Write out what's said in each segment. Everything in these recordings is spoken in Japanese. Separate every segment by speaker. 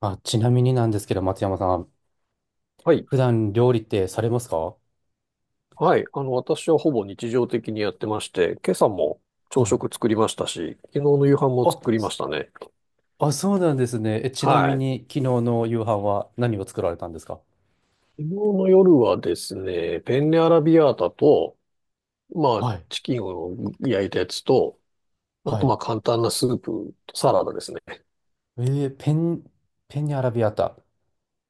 Speaker 1: あ、ちなみになんですけど、松山さん、
Speaker 2: はい。
Speaker 1: 普段料理ってされますか？
Speaker 2: はい。私はほぼ日常的にやってまして、今朝も朝
Speaker 1: はい。
Speaker 2: 食作りましたし、昨日の夕飯も
Speaker 1: あ、
Speaker 2: 作りま
Speaker 1: す
Speaker 2: したね。
Speaker 1: あ、そうなんですね。ちなみ
Speaker 2: はい。昨
Speaker 1: に、昨日の夕飯は何を作られたんですか？
Speaker 2: 日の夜はですね、ペンネアラビアータと、まあ、
Speaker 1: はい。
Speaker 2: チキンを焼いたやつと、あ
Speaker 1: は
Speaker 2: と
Speaker 1: い。
Speaker 2: まあ簡単なスープとサラダですね。
Speaker 1: えー、ペン、ペンニアラビアータ。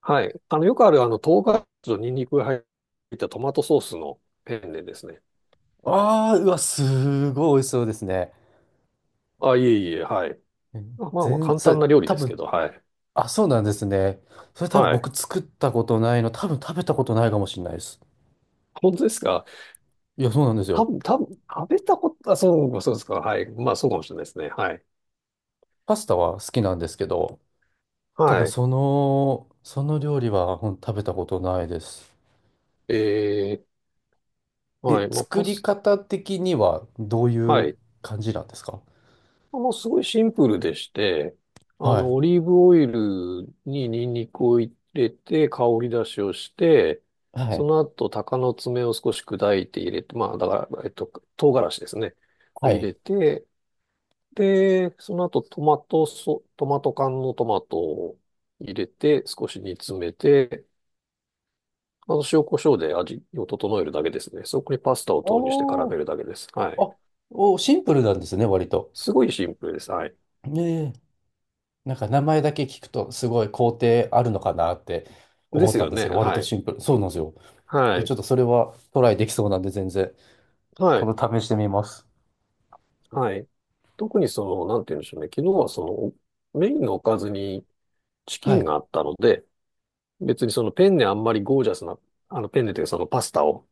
Speaker 2: はい。よくある唐辛子とニンニクが入ったトマトソースのペンネですね。
Speaker 1: ああ、うわ、すごい美味しそうですね。
Speaker 2: あ、いえいえ、はい。
Speaker 1: え
Speaker 2: まあまあ
Speaker 1: 全、
Speaker 2: 簡
Speaker 1: そ
Speaker 2: 単
Speaker 1: れ、
Speaker 2: な料理
Speaker 1: 多
Speaker 2: ですけ
Speaker 1: 分、
Speaker 2: ど、はい。
Speaker 1: あ、そうなんですね。それ多分
Speaker 2: はい。
Speaker 1: 僕作ったことないの、多分食べたことないかもしれないです。
Speaker 2: 本当ですか？
Speaker 1: いや、そうなんです
Speaker 2: 多
Speaker 1: よ。
Speaker 2: 分、多分、食べたこと、あ、そう、そうですか。はい。まあ、そうかもしれないですね。はい。
Speaker 1: パスタは好きなんですけど、多分
Speaker 2: はい。
Speaker 1: その料理は食べたことないです。
Speaker 2: えはい。まあ、
Speaker 1: 作り方的にはどうい
Speaker 2: は
Speaker 1: う
Speaker 2: い。
Speaker 1: 感じなんですか？
Speaker 2: まあの、すごいシンプルでして、
Speaker 1: はい。
Speaker 2: オリーブオイルにニンニクを入れて、香り出しをして、
Speaker 1: は
Speaker 2: そ
Speaker 1: い。
Speaker 2: の後、鷹の爪を少し砕いて入れて、まあ、だから、唐辛子ですね。を
Speaker 1: は
Speaker 2: 入
Speaker 1: い。
Speaker 2: れて、で、その後、トマト缶のトマトを入れて、少し煮詰めて、塩コショウで味を整えるだけですね。そこにパスタを投入して絡
Speaker 1: お
Speaker 2: め
Speaker 1: ー、
Speaker 2: るだけです。はい。
Speaker 1: あ、シンプルなんですね、割と。
Speaker 2: すごいシンプルです。はい。
Speaker 1: ねえ。なんか名前だけ聞くとすごい工程あるのかなって
Speaker 2: で
Speaker 1: 思っ
Speaker 2: す
Speaker 1: たん
Speaker 2: よ
Speaker 1: です
Speaker 2: ね。
Speaker 1: けど、割
Speaker 2: は
Speaker 1: と
Speaker 2: い。
Speaker 1: シンプル。そうなんですよ。
Speaker 2: は
Speaker 1: ち
Speaker 2: い。
Speaker 1: ょっとそれはトライできそうなんで全然、
Speaker 2: はい。
Speaker 1: 今度試してみます。
Speaker 2: はい。特になんて言うんでしょうね。昨日はメインのおかずにチキ
Speaker 1: は
Speaker 2: ン
Speaker 1: い。
Speaker 2: があったので、別にそのペンネあんまりゴージャスな、あのペンネというかそのパスタを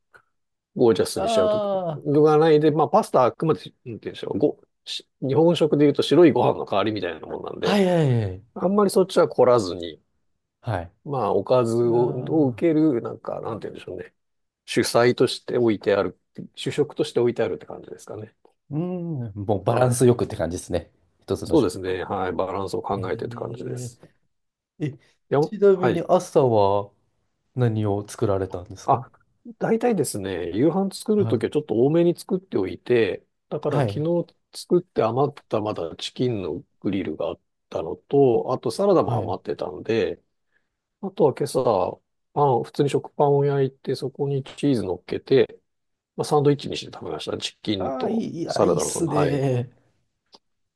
Speaker 2: ゴージャスにしちゃうと
Speaker 1: ああ、
Speaker 2: 具がないで、まあパスタはあくまで、なんて言うんでしょう。日本食で言うと白いご飯の代わりみたいなもんなん
Speaker 1: は
Speaker 2: で、
Speaker 1: いはいはい。
Speaker 2: あんまりそっちは凝らずに、
Speaker 1: はい。
Speaker 2: まあ、おかずを
Speaker 1: あ
Speaker 2: 受け
Speaker 1: あ。
Speaker 2: る、なんか、なんて言うんでしょうね。主菜として置いてある、主食として置いてあるって感じですかね。
Speaker 1: うん、もうバラ
Speaker 2: は
Speaker 1: ン
Speaker 2: い。
Speaker 1: スよくって感じですね。一つの
Speaker 2: そうで
Speaker 1: 食
Speaker 2: す
Speaker 1: 事。
Speaker 2: ね。はい。バランスを考
Speaker 1: え
Speaker 2: えてって感じです。
Speaker 1: ええ、
Speaker 2: いや、
Speaker 1: ちな
Speaker 2: は
Speaker 1: みに
Speaker 2: い。
Speaker 1: 朝は何を作られたんです
Speaker 2: あ、
Speaker 1: か？
Speaker 2: 大体ですね、夕飯作る
Speaker 1: は
Speaker 2: とき
Speaker 1: い。
Speaker 2: はちょっと多めに作っておいて、だから
Speaker 1: は
Speaker 2: 昨
Speaker 1: い。
Speaker 2: 日作って余ったまだチキンのグリルがあったのと、あとサラダも
Speaker 1: はい。
Speaker 2: 余ってたんで、あとは今朝、普通に食パンを焼いて、そこにチーズ乗っけて、まあ、サンドイッチにして食べました。チキン
Speaker 1: ああ、
Speaker 2: とサ
Speaker 1: い
Speaker 2: ラ
Speaker 1: いっ
Speaker 2: ダの
Speaker 1: す
Speaker 2: はい。
Speaker 1: ね。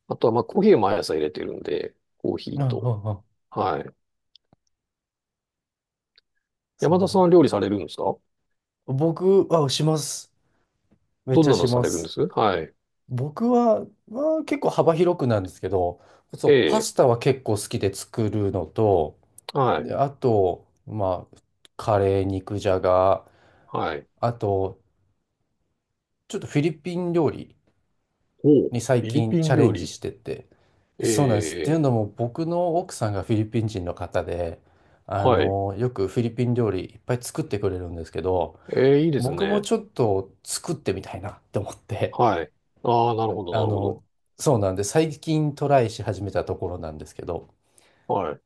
Speaker 2: あとは、まあ、コーヒーを毎朝入れてるんで、コーヒ
Speaker 1: あ
Speaker 2: ーと。
Speaker 1: あ、
Speaker 2: はい。
Speaker 1: す
Speaker 2: 山
Speaker 1: ご
Speaker 2: 田
Speaker 1: い。
Speaker 2: さんは料理されるんですか？
Speaker 1: 僕、します。めっ
Speaker 2: どん
Speaker 1: ちゃ
Speaker 2: なの
Speaker 1: し
Speaker 2: さ
Speaker 1: ま
Speaker 2: れるんで
Speaker 1: す。
Speaker 2: す。はい。
Speaker 1: 僕は、まあ、結構幅広くなんですけど、そ
Speaker 2: え
Speaker 1: う、パ
Speaker 2: え、
Speaker 1: スタは結構好きで作るのと、
Speaker 2: はい。
Speaker 1: で、あと、まあ、カレー、肉じゃが、
Speaker 2: はい。
Speaker 1: あと、ちょっとフィリピン料理、
Speaker 2: おう
Speaker 1: に最
Speaker 2: フィリ
Speaker 1: 近
Speaker 2: ピ
Speaker 1: チ
Speaker 2: ン
Speaker 1: ャレ
Speaker 2: 料
Speaker 1: ンジ
Speaker 2: 理。
Speaker 1: してて。
Speaker 2: え
Speaker 1: そうなんです。っていう
Speaker 2: え、
Speaker 1: のも僕の奥さんがフィリピン人の方で、
Speaker 2: はい。
Speaker 1: よくフィリピン料理いっぱい作ってくれるんですけど、
Speaker 2: ええ、いいです
Speaker 1: 僕も
Speaker 2: ね。
Speaker 1: ちょっと作ってみたいなって思って、
Speaker 2: はい。ああ、なるほど、
Speaker 1: あ
Speaker 2: なるほ
Speaker 1: の、
Speaker 2: ど。
Speaker 1: そうなんで最近トライし始めたところなんですけど、
Speaker 2: はい。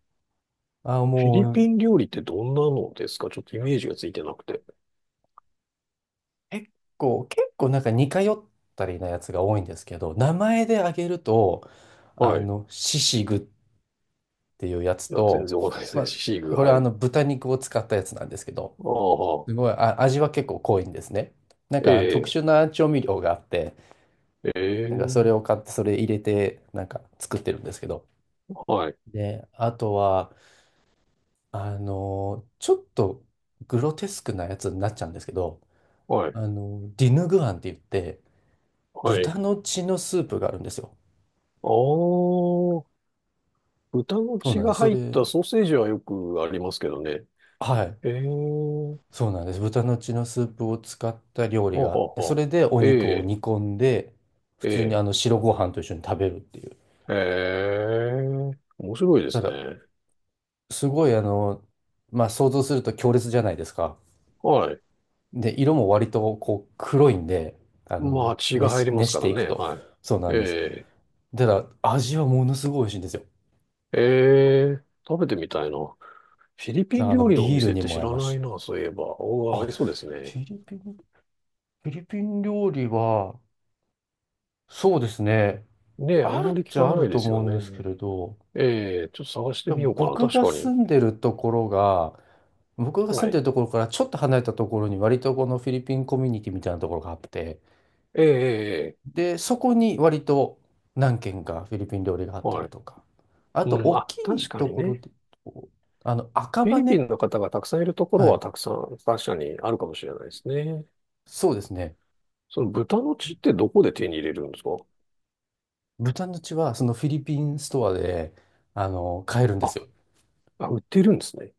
Speaker 1: あ、
Speaker 2: フィ
Speaker 1: も
Speaker 2: リ
Speaker 1: う
Speaker 2: ピン料理ってどんなのですか？ちょっとイメージがついてなくて。
Speaker 1: 結結構なんか似通ったりなやつが多いんですけど、名前で挙げると、
Speaker 2: はい。
Speaker 1: シシグっっていうやつ
Speaker 2: いや、全
Speaker 1: と、
Speaker 2: 然わかんないです
Speaker 1: ま
Speaker 2: ね。シシー
Speaker 1: あ、
Speaker 2: グ、
Speaker 1: これ
Speaker 2: は
Speaker 1: は
Speaker 2: い。
Speaker 1: あの
Speaker 2: あ
Speaker 1: 豚肉を使ったやつなんですけど、
Speaker 2: あ、
Speaker 1: すごい、あ、味は結構濃いんですね。なんかあの特殊
Speaker 2: え
Speaker 1: な調味料があって、
Speaker 2: え、え
Speaker 1: なんかそれ
Speaker 2: え、
Speaker 1: を買って、それ入れて、なんか作ってるんですけど。
Speaker 2: はい。
Speaker 1: で、あとは、ちょっとグロテスクなやつになっちゃうんですけど、
Speaker 2: はい。
Speaker 1: ディヌグアンって言って、
Speaker 2: は
Speaker 1: 豚
Speaker 2: い。
Speaker 1: の血のスープがあるんですよ。
Speaker 2: ああ、豚の
Speaker 1: そう
Speaker 2: 血
Speaker 1: なんで
Speaker 2: が
Speaker 1: す。そ
Speaker 2: 入った
Speaker 1: れ、
Speaker 2: ソーセージはよくありますけどね。
Speaker 1: はい。
Speaker 2: ええ
Speaker 1: そうなんです。豚の血のスープを使った料理
Speaker 2: は
Speaker 1: があっ
Speaker 2: は
Speaker 1: て、そ
Speaker 2: は。
Speaker 1: れでお
Speaker 2: え
Speaker 1: 肉を
Speaker 2: え、
Speaker 1: 煮込んで、普
Speaker 2: え
Speaker 1: 通にあ
Speaker 2: え、
Speaker 1: の白ご飯と一緒に食べるっていう。
Speaker 2: ええ、面白いで
Speaker 1: た
Speaker 2: す
Speaker 1: だ、
Speaker 2: ね。
Speaker 1: すごいあの、まあ想像すると強烈じゃないですか。
Speaker 2: はい。
Speaker 1: で、色も割とこう黒いんで、
Speaker 2: まあ、血が
Speaker 1: 熱
Speaker 2: 入
Speaker 1: し、
Speaker 2: ります
Speaker 1: 熱し
Speaker 2: か
Speaker 1: て
Speaker 2: ら
Speaker 1: いく
Speaker 2: ね。
Speaker 1: と。
Speaker 2: はい。
Speaker 1: そうなんです。
Speaker 2: え
Speaker 1: ただ、味はものすごい美味しいんですよ。
Speaker 2: え、ええ、食べてみたいな。フィリピン料理のお
Speaker 1: ビール
Speaker 2: 店っ
Speaker 1: に
Speaker 2: て
Speaker 1: も
Speaker 2: 知
Speaker 1: 合い
Speaker 2: ら
Speaker 1: ます
Speaker 2: ない
Speaker 1: し。
Speaker 2: な、そういえば。お
Speaker 1: あ、
Speaker 2: ーありそうです
Speaker 1: フ
Speaker 2: ね。
Speaker 1: ィリピン、フィリピン料理は、そうですね。
Speaker 2: ねえ、あん
Speaker 1: あ
Speaker 2: ま
Speaker 1: る
Speaker 2: り
Speaker 1: っ
Speaker 2: 聞
Speaker 1: ち
Speaker 2: か
Speaker 1: ゃあ
Speaker 2: な
Speaker 1: る
Speaker 2: いで
Speaker 1: と
Speaker 2: すよ
Speaker 1: 思うんですけ
Speaker 2: ね。
Speaker 1: れど、
Speaker 2: ええ、ちょっと探して
Speaker 1: で
Speaker 2: み
Speaker 1: も
Speaker 2: ようかな。確かに。
Speaker 1: 僕が住
Speaker 2: は
Speaker 1: んで
Speaker 2: い。
Speaker 1: るところからちょっと離れたところに割とこのフィリピンコミュニティみたいなところがあって、
Speaker 2: ええ、ええ、ええ
Speaker 1: で、そこに割と何軒かフィリピン料理があった
Speaker 2: は
Speaker 1: り
Speaker 2: い。
Speaker 1: とか、あと
Speaker 2: うん、
Speaker 1: 大
Speaker 2: あ、
Speaker 1: きい
Speaker 2: 確か
Speaker 1: と
Speaker 2: に
Speaker 1: ころ
Speaker 2: ね。
Speaker 1: で、こう赤
Speaker 2: フィ
Speaker 1: 羽、
Speaker 2: リピンの方がたくさんいるところ
Speaker 1: は
Speaker 2: は
Speaker 1: い、
Speaker 2: たくさん確かにあるかもしれないですね。
Speaker 1: そうですね。
Speaker 2: その豚の血ってどこで手に入れるんですか？
Speaker 1: 豚の血はそのフィリピンストアで、買えるんで
Speaker 2: あ、
Speaker 1: すよ。
Speaker 2: あ、売ってるんですね。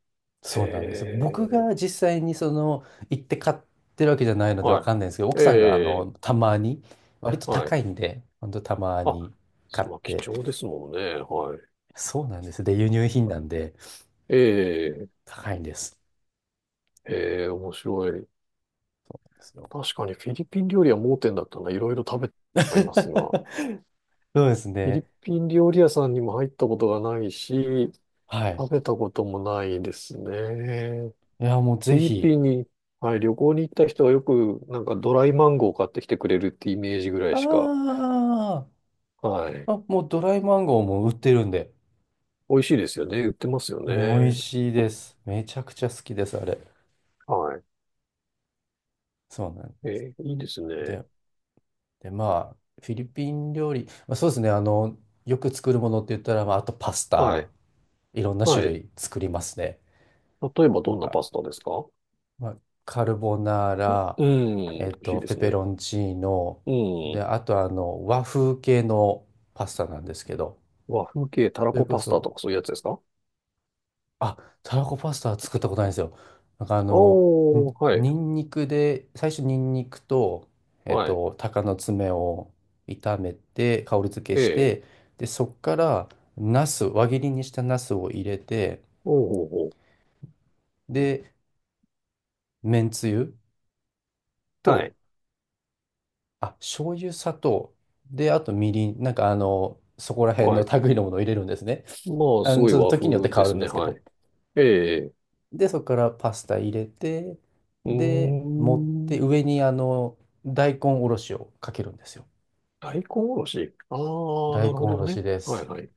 Speaker 2: へ
Speaker 1: そうなんです。僕
Speaker 2: え、
Speaker 1: が実際にその行って買ってるわけじゃないのでわ
Speaker 2: は
Speaker 1: かんないんですけど、
Speaker 2: い。
Speaker 1: 奥
Speaker 2: え
Speaker 1: さんが
Speaker 2: え、
Speaker 1: たまに、割と
Speaker 2: は
Speaker 1: 高
Speaker 2: い。
Speaker 1: いんで、ほんとたま
Speaker 2: あ、
Speaker 1: に買っ
Speaker 2: まあ、貴
Speaker 1: て、
Speaker 2: 重ですもんね。はい。
Speaker 1: そうなんです。で、輸入品なんで
Speaker 2: ええ、
Speaker 1: 高いんです。
Speaker 2: ええ、面白い。
Speaker 1: そう
Speaker 2: 確かにフィリピン料理は盲点だったな。いろいろ食べてはいますが。
Speaker 1: そうです
Speaker 2: フィリ
Speaker 1: ね。
Speaker 2: ピン料理屋さんにも入ったことがないし、
Speaker 1: はい。
Speaker 2: 食べたこともないですね。
Speaker 1: いや、もう
Speaker 2: フ
Speaker 1: ぜ
Speaker 2: ィリ
Speaker 1: ひ。
Speaker 2: ピンに、はい、旅行に行った人はよく、なんかドライマンゴー買ってきてくれるってイメージぐらい
Speaker 1: あ
Speaker 2: しか、
Speaker 1: ー
Speaker 2: はい。
Speaker 1: もうドライマンゴーも売ってるんで、
Speaker 2: 美味しいですよね。売ってますよ
Speaker 1: 美味
Speaker 2: ね。
Speaker 1: しいです。めちゃくちゃ好きです、あれ。
Speaker 2: は
Speaker 1: そうなん
Speaker 2: い。いいですね。
Speaker 1: で。で、まあ、フィリピン料理、まあ、そうですね、よく作るものって言ったら、まあ、あとパス
Speaker 2: はい。
Speaker 1: タ、いろんな種
Speaker 2: はい。
Speaker 1: 類作りますね。
Speaker 2: 例えば
Speaker 1: な
Speaker 2: ど
Speaker 1: ん
Speaker 2: んな
Speaker 1: か、
Speaker 2: パスタですか？
Speaker 1: まあ、カルボナーラ、
Speaker 2: うん。美味しいで
Speaker 1: ペ
Speaker 2: す
Speaker 1: ペ
Speaker 2: ね。
Speaker 1: ロンチーノ、
Speaker 2: う
Speaker 1: で、
Speaker 2: ん。
Speaker 1: あと和風系のパスタなんですけど、
Speaker 2: 和風系たら
Speaker 1: それ
Speaker 2: こ
Speaker 1: こ
Speaker 2: パスタと
Speaker 1: そ、
Speaker 2: かそういうやつですか？
Speaker 1: あ、たらこパスタは作ったことないんですよ。なんかあの、ん
Speaker 2: おー、はい。
Speaker 1: ニンニクで、最初ニンニクと、
Speaker 2: はい。
Speaker 1: 鷹の爪を炒めて、香り付け
Speaker 2: え
Speaker 1: し
Speaker 2: え。
Speaker 1: て、で、そっから、輪切りにしたナスを入れて、
Speaker 2: おうおうおう。
Speaker 1: で、めんつゆ
Speaker 2: は
Speaker 1: と、
Speaker 2: い。
Speaker 1: 醤油、砂糖、で、あとみりん、そこら辺
Speaker 2: は
Speaker 1: の
Speaker 2: い。
Speaker 1: 類のものを入れるんですね。
Speaker 2: まあ、すごい
Speaker 1: その
Speaker 2: 和風
Speaker 1: 時によって変
Speaker 2: で
Speaker 1: わる
Speaker 2: す
Speaker 1: んで
Speaker 2: ね。
Speaker 1: すけ
Speaker 2: は
Speaker 1: ど。
Speaker 2: い。ええ。
Speaker 1: で、そこからパスタ入れて、
Speaker 2: う
Speaker 1: で、持って
Speaker 2: ーん。
Speaker 1: 上に大根おろしをかけるんですよ。
Speaker 2: 大根おろし。ああ、
Speaker 1: 大
Speaker 2: なるほ
Speaker 1: 根お
Speaker 2: ど
Speaker 1: ろし
Speaker 2: ね。
Speaker 1: で
Speaker 2: はい
Speaker 1: す。
Speaker 2: はい。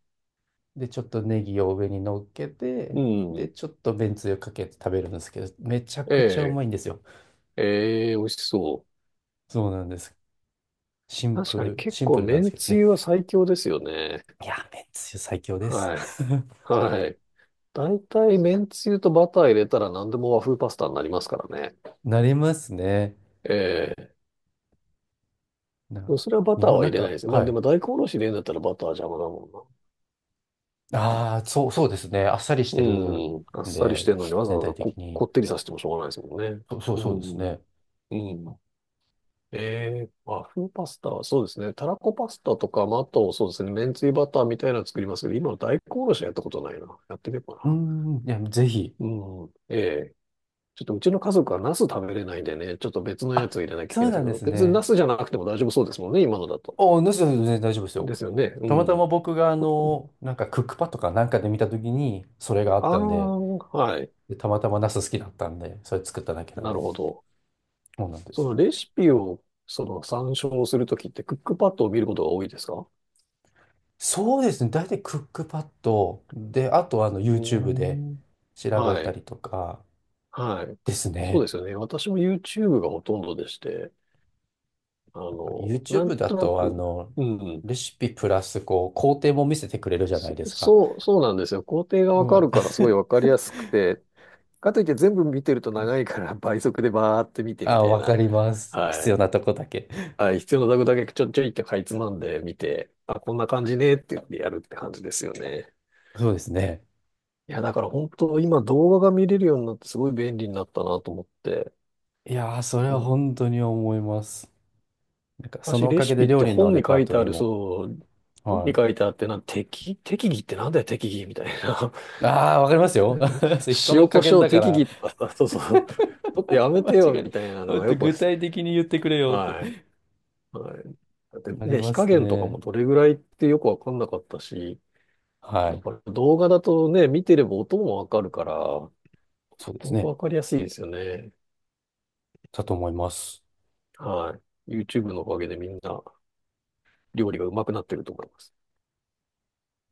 Speaker 1: で、ちょっとネギを上に乗っけ
Speaker 2: う
Speaker 1: て、で、
Speaker 2: ん。
Speaker 1: ちょっとめんつゆかけて食べるんですけど、めちゃ
Speaker 2: え
Speaker 1: くちゃう
Speaker 2: え、
Speaker 1: まいんですよ。
Speaker 2: ええ、美味しそう。
Speaker 1: そうなんです。シン
Speaker 2: 確
Speaker 1: プ
Speaker 2: かに
Speaker 1: ル、
Speaker 2: 結
Speaker 1: シン
Speaker 2: 構
Speaker 1: プルなんです
Speaker 2: 麺
Speaker 1: けど
Speaker 2: つ
Speaker 1: ね。
Speaker 2: ゆは最強ですよね。
Speaker 1: いや、めんつゆ最強です。
Speaker 2: はい。はい。大体麺つゆとバター入れたら何でも和風パスタになりますからね。
Speaker 1: なりますね。
Speaker 2: ええ。
Speaker 1: な、
Speaker 2: それはバ
Speaker 1: 日
Speaker 2: ター
Speaker 1: 本、
Speaker 2: は入れないですね。まあ
Speaker 1: は
Speaker 2: で
Speaker 1: い。
Speaker 2: も大根おろし入れるんだったらバターは邪魔だもんな。
Speaker 1: ああ、そう、そうですね。あっさりしてる
Speaker 2: うん。あっ
Speaker 1: ん
Speaker 2: さりし
Speaker 1: で、
Speaker 2: てるのにわざ
Speaker 1: 全
Speaker 2: わ
Speaker 1: 体
Speaker 2: ざ
Speaker 1: 的
Speaker 2: こ、こ
Speaker 1: に。
Speaker 2: ってりさせてもしょうがないですもんね。
Speaker 1: そう、そう
Speaker 2: う
Speaker 1: そうです
Speaker 2: ん。
Speaker 1: ね。
Speaker 2: うん。和風パスタは、そうですね。たらこパスタとか、まあ、あと、そうですね。めんつゆバターみたいなの作りますけど、今の大根おろしはやったことないな。やってみよう
Speaker 1: うー
Speaker 2: か
Speaker 1: ん、いや、ぜひ。
Speaker 2: な。うん。ええちょっとうちの家族はナス食べれないんでね、ちょっと別のや
Speaker 1: あ、
Speaker 2: つを入れなきゃい
Speaker 1: そ
Speaker 2: け
Speaker 1: う
Speaker 2: ないです
Speaker 1: な
Speaker 2: け
Speaker 1: んで
Speaker 2: ど、
Speaker 1: す
Speaker 2: 別にナ
Speaker 1: ね。
Speaker 2: スじゃなくても大丈夫そうですもんね、今のだと。
Speaker 1: お、なしだ全然大丈夫ですよ。
Speaker 2: ですよね。う
Speaker 1: たまた
Speaker 2: ん。
Speaker 1: ま僕がなんかクックパッドかなんかで見たときに、それがあっ
Speaker 2: ああ、
Speaker 1: たんで、
Speaker 2: はい。
Speaker 1: で、たまたまナス好きだったんで、それ作っただけなん
Speaker 2: な
Speaker 1: で、
Speaker 2: るほど。
Speaker 1: そうなんで
Speaker 2: そ
Speaker 1: すよ。
Speaker 2: のレシピを、参照するときって、クックパッドを見ることが多いですか？
Speaker 1: そうですね。大体クックパッドで、あと
Speaker 2: う
Speaker 1: YouTube で
Speaker 2: ーん。
Speaker 1: 調べ
Speaker 2: は
Speaker 1: た
Speaker 2: い。
Speaker 1: りとか
Speaker 2: はい。
Speaker 1: です
Speaker 2: そう
Speaker 1: ね。
Speaker 2: ですよね。私も YouTube がほとんどでして、なん
Speaker 1: YouTube だ
Speaker 2: とな
Speaker 1: と
Speaker 2: く、うん、
Speaker 1: レシピプラスこう工程も見せてくれるじゃないですか。
Speaker 2: そうなんですよ。工程がわか
Speaker 1: はい。
Speaker 2: るからすごい わかりやすくて、かといって全部見てると長いから倍速でバーって見てみ
Speaker 1: あ、
Speaker 2: たい
Speaker 1: わか
Speaker 2: な。
Speaker 1: ります。
Speaker 2: は
Speaker 1: 必要
Speaker 2: い。
Speaker 1: なとこだけ。
Speaker 2: はい。必要なとこだけちょちょいってかいつまんで見て、あ、こんな感じねって言ってやるって感じですよね。
Speaker 1: そうですね。
Speaker 2: いや、だから本当今動画が見れるようになってすごい便利になったなと思って、
Speaker 1: いやー、それ
Speaker 2: う
Speaker 1: は
Speaker 2: ん
Speaker 1: 本当に思います。なんか、そ
Speaker 2: 昔
Speaker 1: のお
Speaker 2: レ
Speaker 1: か
Speaker 2: シ
Speaker 1: げ
Speaker 2: ピ
Speaker 1: で
Speaker 2: っ
Speaker 1: 料
Speaker 2: て
Speaker 1: 理の
Speaker 2: 本
Speaker 1: レ
Speaker 2: に書
Speaker 1: パー
Speaker 2: い
Speaker 1: ト
Speaker 2: て
Speaker 1: リ
Speaker 2: あ
Speaker 1: ー
Speaker 2: る、
Speaker 1: も。
Speaker 2: そう、本
Speaker 1: は
Speaker 2: に書
Speaker 1: い。
Speaker 2: いてあってな、適宜ってなんだよ、適宜みたいな。
Speaker 1: ああ、わかりますよ。それ人の
Speaker 2: 塩
Speaker 1: 加
Speaker 2: コシ
Speaker 1: 減
Speaker 2: ョウ
Speaker 1: だか
Speaker 2: 適
Speaker 1: ら、
Speaker 2: 宜とかさ、そうそう、ちょっとやめ
Speaker 1: 間
Speaker 2: てよ、
Speaker 1: 違い、
Speaker 2: みたいなの
Speaker 1: もっ
Speaker 2: が
Speaker 1: と
Speaker 2: よくで
Speaker 1: 具
Speaker 2: す。
Speaker 1: 体的に言ってくれよっ
Speaker 2: はい。
Speaker 1: て。
Speaker 2: はい。だって
Speaker 1: あり
Speaker 2: ね、火
Speaker 1: ま
Speaker 2: 加
Speaker 1: す
Speaker 2: 減とかも
Speaker 1: ね。
Speaker 2: どれぐらいってよくわかんなかったし、
Speaker 1: は
Speaker 2: だ
Speaker 1: い。
Speaker 2: から動画だとね、見てれば音もわかるから、
Speaker 1: そうです
Speaker 2: 本当
Speaker 1: ね。
Speaker 2: わかりやすいですよね。
Speaker 1: だと思います。
Speaker 2: はい。YouTube のおかげでみんな料理がうまくなってると思います。